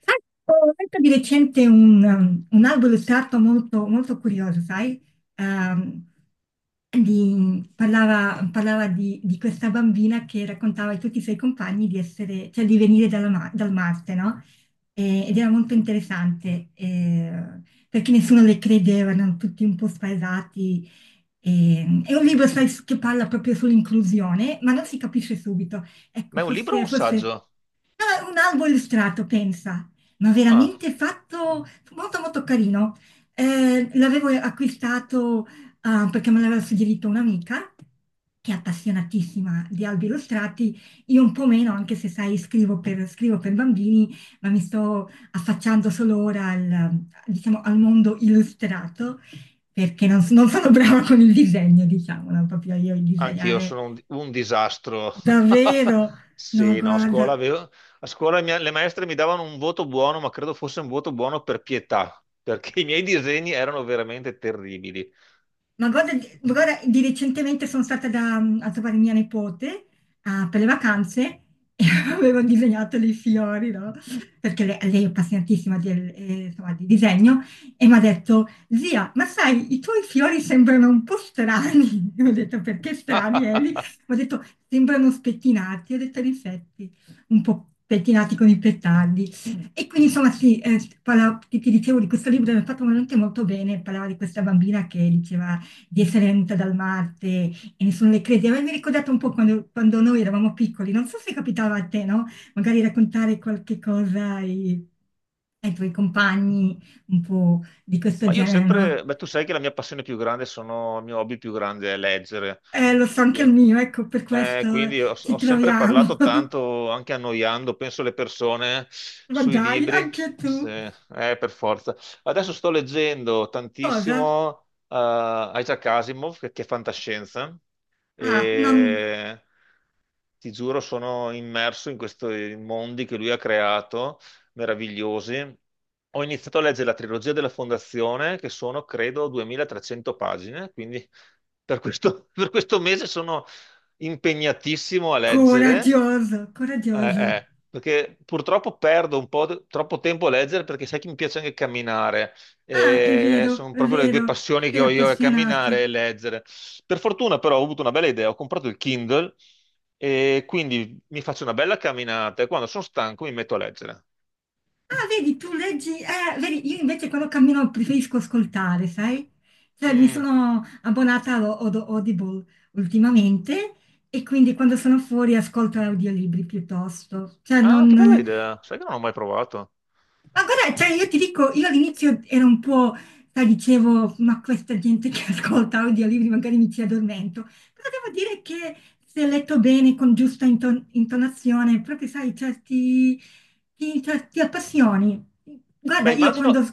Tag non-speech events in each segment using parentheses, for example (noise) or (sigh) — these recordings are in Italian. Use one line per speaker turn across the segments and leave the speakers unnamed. Sai, ho letto di recente un albo illustrato molto, molto curioso, sai? Ehm, parlava di questa bambina che raccontava a tutti i suoi compagni di essere, cioè di venire dal Marte, no? Ed era molto interessante, perché nessuno le credeva, erano tutti un po' spaesati. È un libro, sai, che parla proprio sull'inclusione, ma non si capisce subito. Ecco,
Ma è un libro o
forse,
un
forse-
saggio?
Ah, un albo illustrato, pensa, ma
Ah,
veramente fatto molto molto carino. L'avevo acquistato, perché me l'aveva suggerito un'amica che è appassionatissima di albi illustrati. Io un po' meno, anche se sai, scrivo per bambini, ma mi sto affacciando solo ora al, diciamo, al mondo illustrato, perché non, non sono (laughs) brava con il disegno, diciamo, non proprio io il
anch'io
disegnare
sono un disastro. (laughs)
davvero. No,
Sì, no, a scuola,
guarda,
le maestre mi davano un voto buono, ma credo fosse un voto buono per pietà, perché i miei disegni erano veramente terribili.
ma guarda, ma guarda di recentemente sono stata a trovare mia nipote, per le vacanze e (laughs) avevo disegnato dei fiori, no? Perché lei è appassionatissima insomma, di disegno, e mi ha detto, zia, ma sai, i tuoi fiori sembrano un po' strani. (laughs) Io ho detto, perché strani, Eli?
(laughs)
Mi ha detto, sembrano spettinati. Io ho detto, in effetti, un po' pettinati con i petardi. E quindi insomma sì, ti, ti dicevo di questo libro, che mi ha fatto veramente molto bene, parlava di questa bambina che diceva di Sorrento Dalmarte, e ne sono le credi. A me mi ha ricordato un po' quando noi eravamo piccoli, non so se capitava a te, no? Magari raccontare qualche cosa ai, ai tuoi compagni un po' di questo
Ma io ho
genere, no?
sempre, beh, tu sai che la mia passione più grande sono, il mio hobby più grande è leggere.
Lo so anche il
E-
mio, ecco, per questo
quindi ho,
ci
ho sempre
troviamo.
parlato
(laughs)
tanto, anche annoiando, penso le persone
Ma
sui
dai,
libri,
anche tu.
se- per forza. Adesso sto leggendo
Cosa?
tantissimo Isaac Asimov, che è fantascienza,
Ah, non...
e ti giuro, sono immerso in questi mondi che lui ha creato, meravigliosi. Ho iniziato a leggere la trilogia della Fondazione, che sono, credo, 2.300 pagine, quindi per questo, (laughs) per questo mese sono impegnatissimo a leggere.
Coraggioso,
Eh,
coraggioso.
eh, perché purtroppo perdo un po' troppo tempo a leggere perché sai che mi piace anche camminare.
Ah,
Eh, sono
è
proprio le due
vero,
passioni che
sei
ho io, è
appassionato.
camminare e leggere. Per fortuna però ho avuto una bella idea, ho comprato il Kindle e quindi mi faccio una bella camminata e quando sono stanco mi metto a leggere.
Ah, vedi, tu leggi, vedi, io invece quando cammino preferisco ascoltare, sai? Cioè, mi
Mm.
sono abbonata a Audible ultimamente e quindi quando sono fuori ascolto audiolibri piuttosto. Cioè,
Ah, che bella
non,
idea, sai che non ho mai provato.
ma guarda, cioè io ti dico, io all'inizio ero un po', sai, dicevo, ma questa gente che (laughs) ascolta audiolibri magari mi ci addormento, però devo dire che se letto bene, con giusta intonazione, proprio sai, cioè, ti, cioè, ti appassioni. Guarda,
Beh,
io quando...
immagino,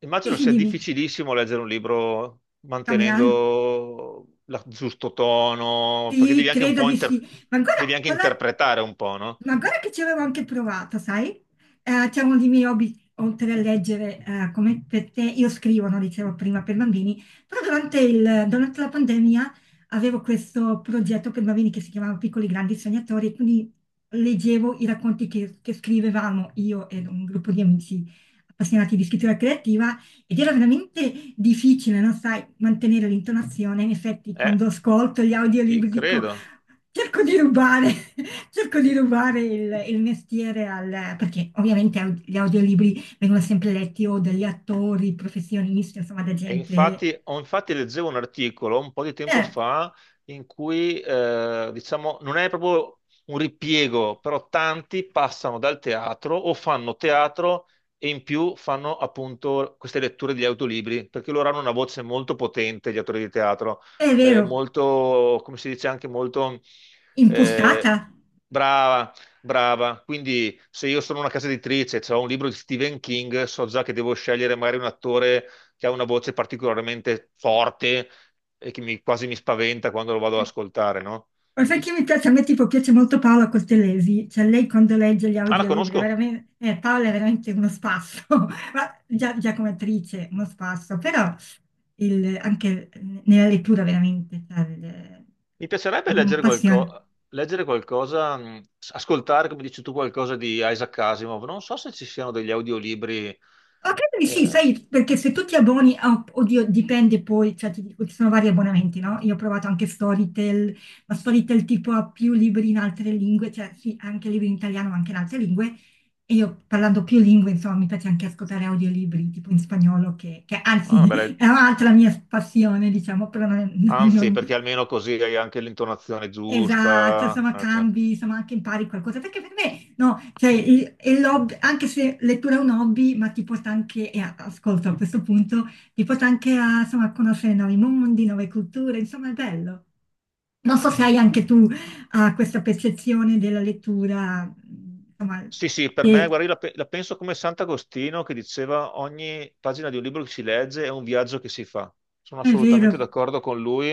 Immagino
Dici,
sia
dimmi,
difficilissimo leggere un libro
camminando.
mantenendo il giusto tono, perché
Sì, credo di sì. Ma
devi
ancora,
anche
parla-
interpretare un po', no?
ma ancora che ci avevo anche provato, sai? C'è uno dei miei hobby, oltre a leggere, come per te, io scrivo, no, dicevo prima, per bambini, però durante, durante la pandemia avevo questo progetto per bambini che si chiamava Piccoli Grandi Sognatori, e quindi leggevo i racconti che scrivevamo io ed un gruppo di amici appassionati di scrittura creativa, ed era veramente difficile, non sai, mantenere l'intonazione. In effetti,
Eh,
quando ascolto gli
ci
audiolibri dico,
credo.
cerco di rubare, (laughs) cerco di rubare il mestiere al... perché ovviamente gli audiolibri vengono sempre letti o dagli attori, professionisti, insomma, da
E
gente...
infatti leggevo un articolo un po' di tempo
eh,
fa in cui, diciamo, non è proprio un ripiego, però tanti passano dal teatro o fanno teatro e in più fanno appunto queste letture di autolibri, perché loro hanno una voce molto potente, gli attori di teatro,
è vero,
molto, come si dice, anche molto
impostata.
eh, brava. Brava, quindi se io sono una casa editrice e ho un libro di Stephen King, so già che devo scegliere magari un attore che ha una voce particolarmente forte e che quasi mi spaventa quando lo vado ad ascoltare, no?
Ma sai che mi piace? A me tipo piace molto Paola Costellesi, cioè lei quando legge gli
Ah, la
audiolibri, è
conosco.
veramente, Paola è veramente uno spasso, (laughs) ma già, già come attrice uno spasso, però anche nella lettura veramente, cioè, il-
Mi piacerebbe
un passione.
leggere qualcosa, ascoltare, come dici tu, qualcosa di Isaac Asimov. Non so se ci siano degli audiolibri.
Ah, credo di sì,
eh,
sai, perché se tu ti abboni, oddio, dipende poi, cioè ti dico, ci sono vari abbonamenti, no? Io ho provato anche Storytel, ma Storytel tipo ha più libri in altre lingue, cioè sì, ha anche libri in italiano, ma anche in altre lingue, e io parlando più lingue, insomma, mi piace anche ascoltare audiolibri tipo in spagnolo, che
ah,
anzi
una
(laughs)
bella-
è un'altra mia passione, diciamo, però non, (laughs)
Anzi,
non-
perché almeno così hai anche l'intonazione
Esatto,
giusta.
insomma
Cioè.
cambi, insomma anche impari qualcosa, perché per me no, cioè è l'hobby, anche se lettura è un hobby, ma ti porta anche, e ascolto a questo punto, ti porta anche a, insomma, a conoscere nuovi mondi, nuove culture, insomma è bello. Non so se hai anche tu, questa percezione della lettura, insomma,
Sì, sì, per me,
che
guarda, io la penso come Sant'Agostino che diceva ogni pagina di un libro che si legge è un viaggio che si fa. Sono
è
assolutamente
vero,
d'accordo con lui,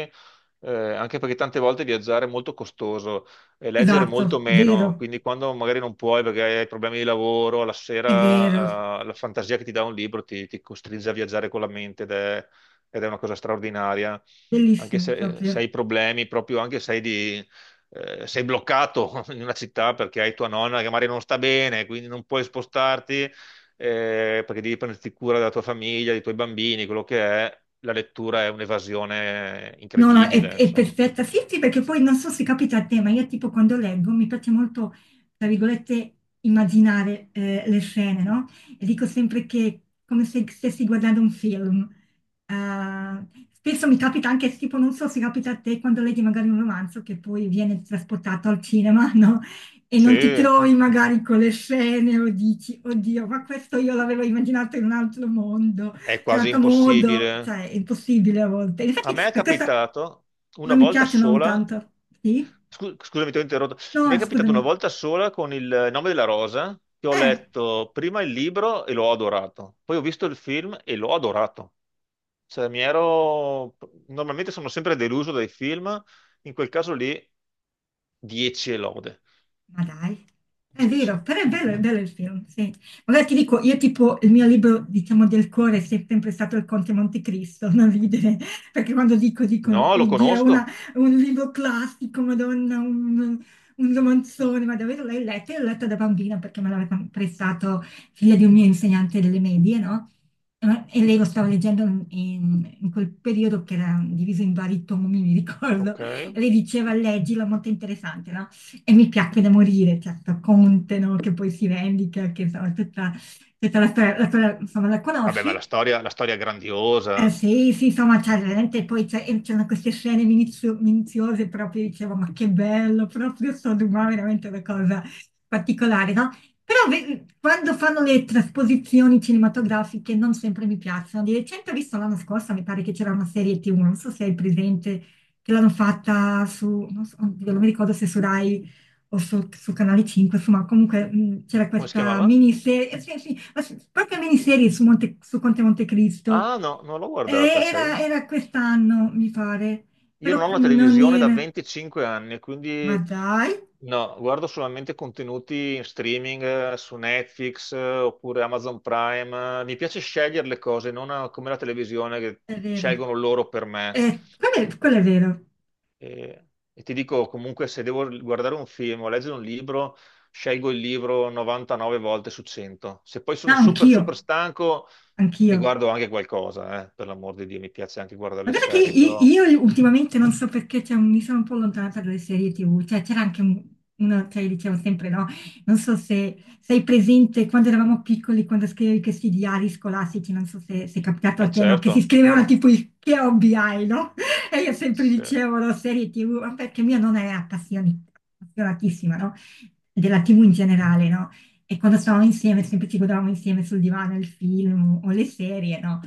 anche perché tante volte viaggiare è molto costoso e leggere
esatto,
molto
vero,
meno, quindi quando magari non puoi perché hai problemi di lavoro, la
è vero,
sera, la fantasia che ti dà un libro ti costringe a viaggiare con la mente ed è una cosa straordinaria, anche
bellissimo
se
proprio.
hai problemi, proprio anche se hai di sei bloccato (laughs) in una città perché hai tua nonna che magari non sta bene, quindi non puoi spostarti, perché devi prenderti cura della tua famiglia, dei tuoi bambini, quello che è. La lettura è un'evasione
No, no,
incredibile,
è
insomma.
perfetta. Sì, sì, perché poi non so se capita a te, ma io tipo quando leggo mi piace molto, tra virgolette, immaginare le scene, no? E dico sempre che è come se stessi guardando un film. Eh, spesso mi capita anche, tipo, non so se capita a te quando leggi magari un romanzo che poi viene trasportato al cinema, (laughs) no? E
Sì,
non ti
è
trovi magari con le scene o dici, oddio, ma questo io l'avevo immaginato in un altro mondo,
quasi
certo modo,
impossibile.
cioè, è impossibile a volte.
A
Infatti,
me è
per questo
capitato una
non mi
volta
piacciono
sola,
tanto. Sì?
scusami, ti ho interrotto. Mi
No,
è capitato una
scusami.
volta sola con Il nome della rosa, che ho
Eh.
letto prima il libro e l'ho adorato, poi ho visto il film e l'ho adorato. Cioè, mi ero. Normalmente sono sempre deluso dai film, in quel caso lì 10 e lode.
Ma dai, è
Sì, sì.
vero, però è bello il film, sì. Allora ti dico, io tipo, il mio libro, diciamo, del cuore è sempre stato Il Conte Montecristo, (laughs) non ridere, perché quando dico, dicono,
No, lo
oddio,
conosco.
è un libro classico, Madonna, un romanzone, ma davvero l'hai letto? Io l'ho letto da bambina perché me l'aveva prestato figlia di un mio insegnante delle medie, no? E lei lo stava leggendo in quel periodo che era diviso in vari tomi, mi ricordo,
Ok.
e lei diceva, leggilo, è molto interessante, no? E mi piacque da morire, certo, Conte, no? Che poi si vendica, che insomma, tutta, tutta la storia, insomma, la
Vabbè, ma la
conosci,
storia, la storia è
eh
grandiosa.
sì, sì, insomma, cioè, veramente poi e c'erano queste scene minuziose, proprio dicevo, ma che bello, proprio Sodoma, veramente una cosa particolare, no? Però quando fanno le trasposizioni cinematografiche non sempre mi piacciono. Di recente ho visto l'anno scorso, mi pare che c'era una serie TV, non so se hai presente, che l'hanno fatta su, non so, oddio, non mi ricordo se su Rai o su, su Canale 5, insomma, comunque c'era
Come si
questa
chiamava?
miniserie, sì, sì, ma sì, proprio miniserie su, Conte Montecristo,
Ah, no, non l'ho
eh,
guardata, sai?
era, era quest'anno, mi pare,
Io non
però
ho la
non
televisione da
era.
25 anni,
Ma
quindi
dai,
no, guardo solamente contenuti in streaming, su Netflix, oppure Amazon Prime. Mi piace scegliere le cose, non come la televisione che
è vero.
scelgono loro per me.
Quello è vero.
E ti dico comunque, se devo guardare un film o leggere un libro, scelgo il libro 99 volte su 100. Se poi sono
No,
super,
anch'io,
super stanco, mi
anch'io.
guardo anche qualcosa, per l'amor di Dio, mi piace anche guardare
Ma
le
guarda che
serie, però
io ultimamente non so perché cioè, mi sono un po' allontanata dalle serie TV, cioè c'era anche una, cioè diciamo sempre no, non so se sei presente quando eravamo piccoli, quando scrivevi questi diari scolastici, non so se è capitato a
è
te, no, che si
certo.
scrivevano tipo il che hobby hai, no? (laughs) E io sempre
Sì.
dicevo no, serie TV, ma perché mia nonna era appassionatissima, no? Della TV in generale, no? E quando stavamo insieme sempre ci godavamo insieme sul divano il film o le serie, no?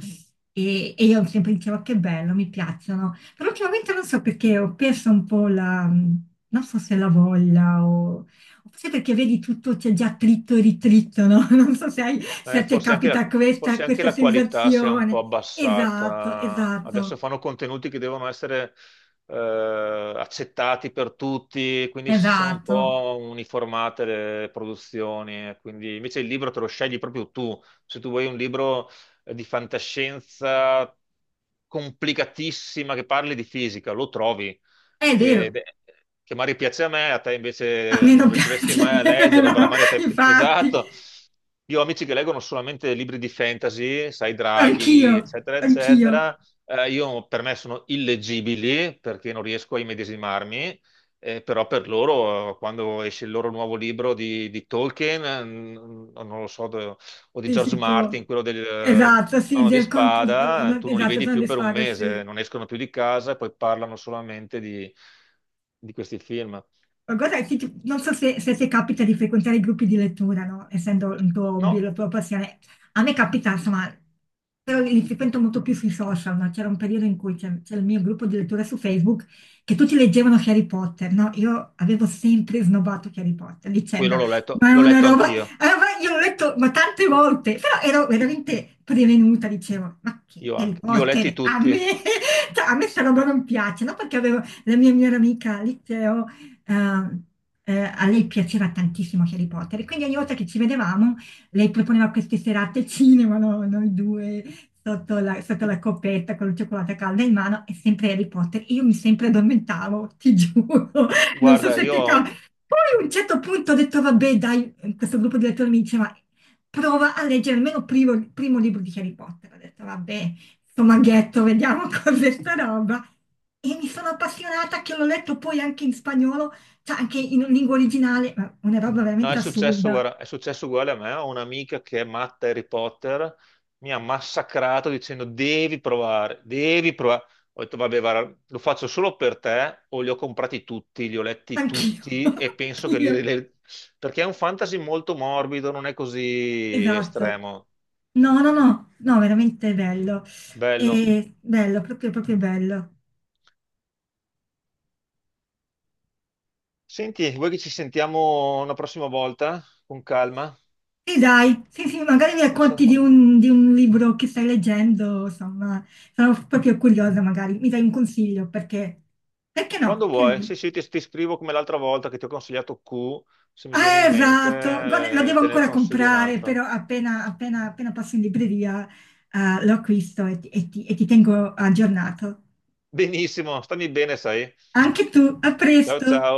E io sempre dicevo che bello, mi piacciono, però ultimamente non so perché ho perso un po' la, non so se la voglia o forse perché vedi tutto c'è già tritto e ritritto, no? (laughs) Non so se, se
Eh,
a te
forse anche
capita
la,
questa,
forse anche
questa
la qualità si è un po'
sensazione. Esatto,
abbassata. Adesso
esatto,
fanno contenuti che devono essere accettati per tutti, quindi si sono un
esatto.
po' uniformate le produzioni. Quindi invece il libro te lo scegli proprio tu. Se tu vuoi un libro di fantascienza complicatissima che parli di fisica, lo trovi.
È
e-
vero,
che magari piace a me, a te
a
invece
me
non
non
riusciresti
piace,
mai a
(laughs)
leggerlo, però
no?
magari a te.
Infatti,
Esatto. Io ho amici che leggono solamente libri di fantasy, sai,
anch'io,
draghi, eccetera,
anch'io,
eccetera. Io per me sono illeggibili perché non riesco a immedesimarmi. Però per loro, quando esce il loro nuovo libro di Tolkien, non lo so, o di
sì,
George
si può.
Martin, quello del,
Esatto, sì,
sono di spada, tu non li
esatto,
vedi
sono
più
le
per un
squadre, sì.
mese, non escono più di casa e poi parlano solamente di questi film.
Ma guarda, sì, ti- non so se capita di frequentare i gruppi di lettura, no? Essendo il tuo hobby,
No,
la tua passione. A me capita, insomma, però li frequento molto più sui social, no? C'era un periodo in cui c'era il mio gruppo di lettura su Facebook che tutti leggevano Harry Potter, no? Io avevo sempre snobbato Harry Potter
quello
dicendo, ma
l'ho letto
è
anch'io,
una roba- io l'ho letto ma tante volte, però ero veramente prevenuta, dicevo, ma che
io
Harry
anche. Li ho letti
Potter, a me,
tutti.
(laughs) cioè, a me sta roba non piace, no? Perché avevo la mia migliore amica al liceo, eh, a lei piaceva tantissimo Harry Potter e quindi ogni volta che ci vedevamo lei proponeva queste serate al cinema, no? Noi due sotto la coppetta con il cioccolato caldo in mano e sempre Harry Potter. E io mi sempre addormentavo, ti giuro, (laughs) non so
Guarda,
se
io.
ti capita. Poi a un certo punto ho detto, vabbè, dai, questo gruppo di lettori mi diceva, prova a leggere almeno il primo libro di Harry Potter. Ho detto, vabbè, sto maghetto, vediamo (laughs) cos'è sta roba. E mi sono appassionata che l'ho letto poi anche in spagnolo, cioè anche in lingua originale, ma una roba
No, è
veramente
successo,
assurda.
guarda, è successo uguale a me. Ho un'amica che è matta Harry Potter, mi ha massacrato dicendo devi provare, devi provare. Ho detto, vabbè, guarda, lo faccio solo per te, o li ho comprati tutti, li ho letti
Anch'io,
tutti e
(laughs)
penso che
anch'io.
li... li- Perché è un fantasy molto morbido, non è così
Esatto.
estremo.
No, no, no, no, veramente bello.
Bello.
E bello, proprio, proprio bello.
Senti, vuoi che ci sentiamo una prossima volta? Con calma?
E dai, sì, sì, magari mi racconti di
Boh.
un, di un libro che stai leggendo, insomma, sono proprio curiosa, magari mi dai un consiglio, perché, perché no?
Quando
Che ne
vuoi,
dici?
sì, sì, ti scrivo come l'altra volta che ti ho consigliato Q, se mi viene
Ah,
in
esatto, guarda, la
mente,
devo
te ne
ancora
consiglio
comprare,
un'altra.
però appena passo in libreria, lo acquisto e ti tengo aggiornato.
Benissimo, stammi bene, sai.
Anche tu, a
Ciao
presto!
ciao.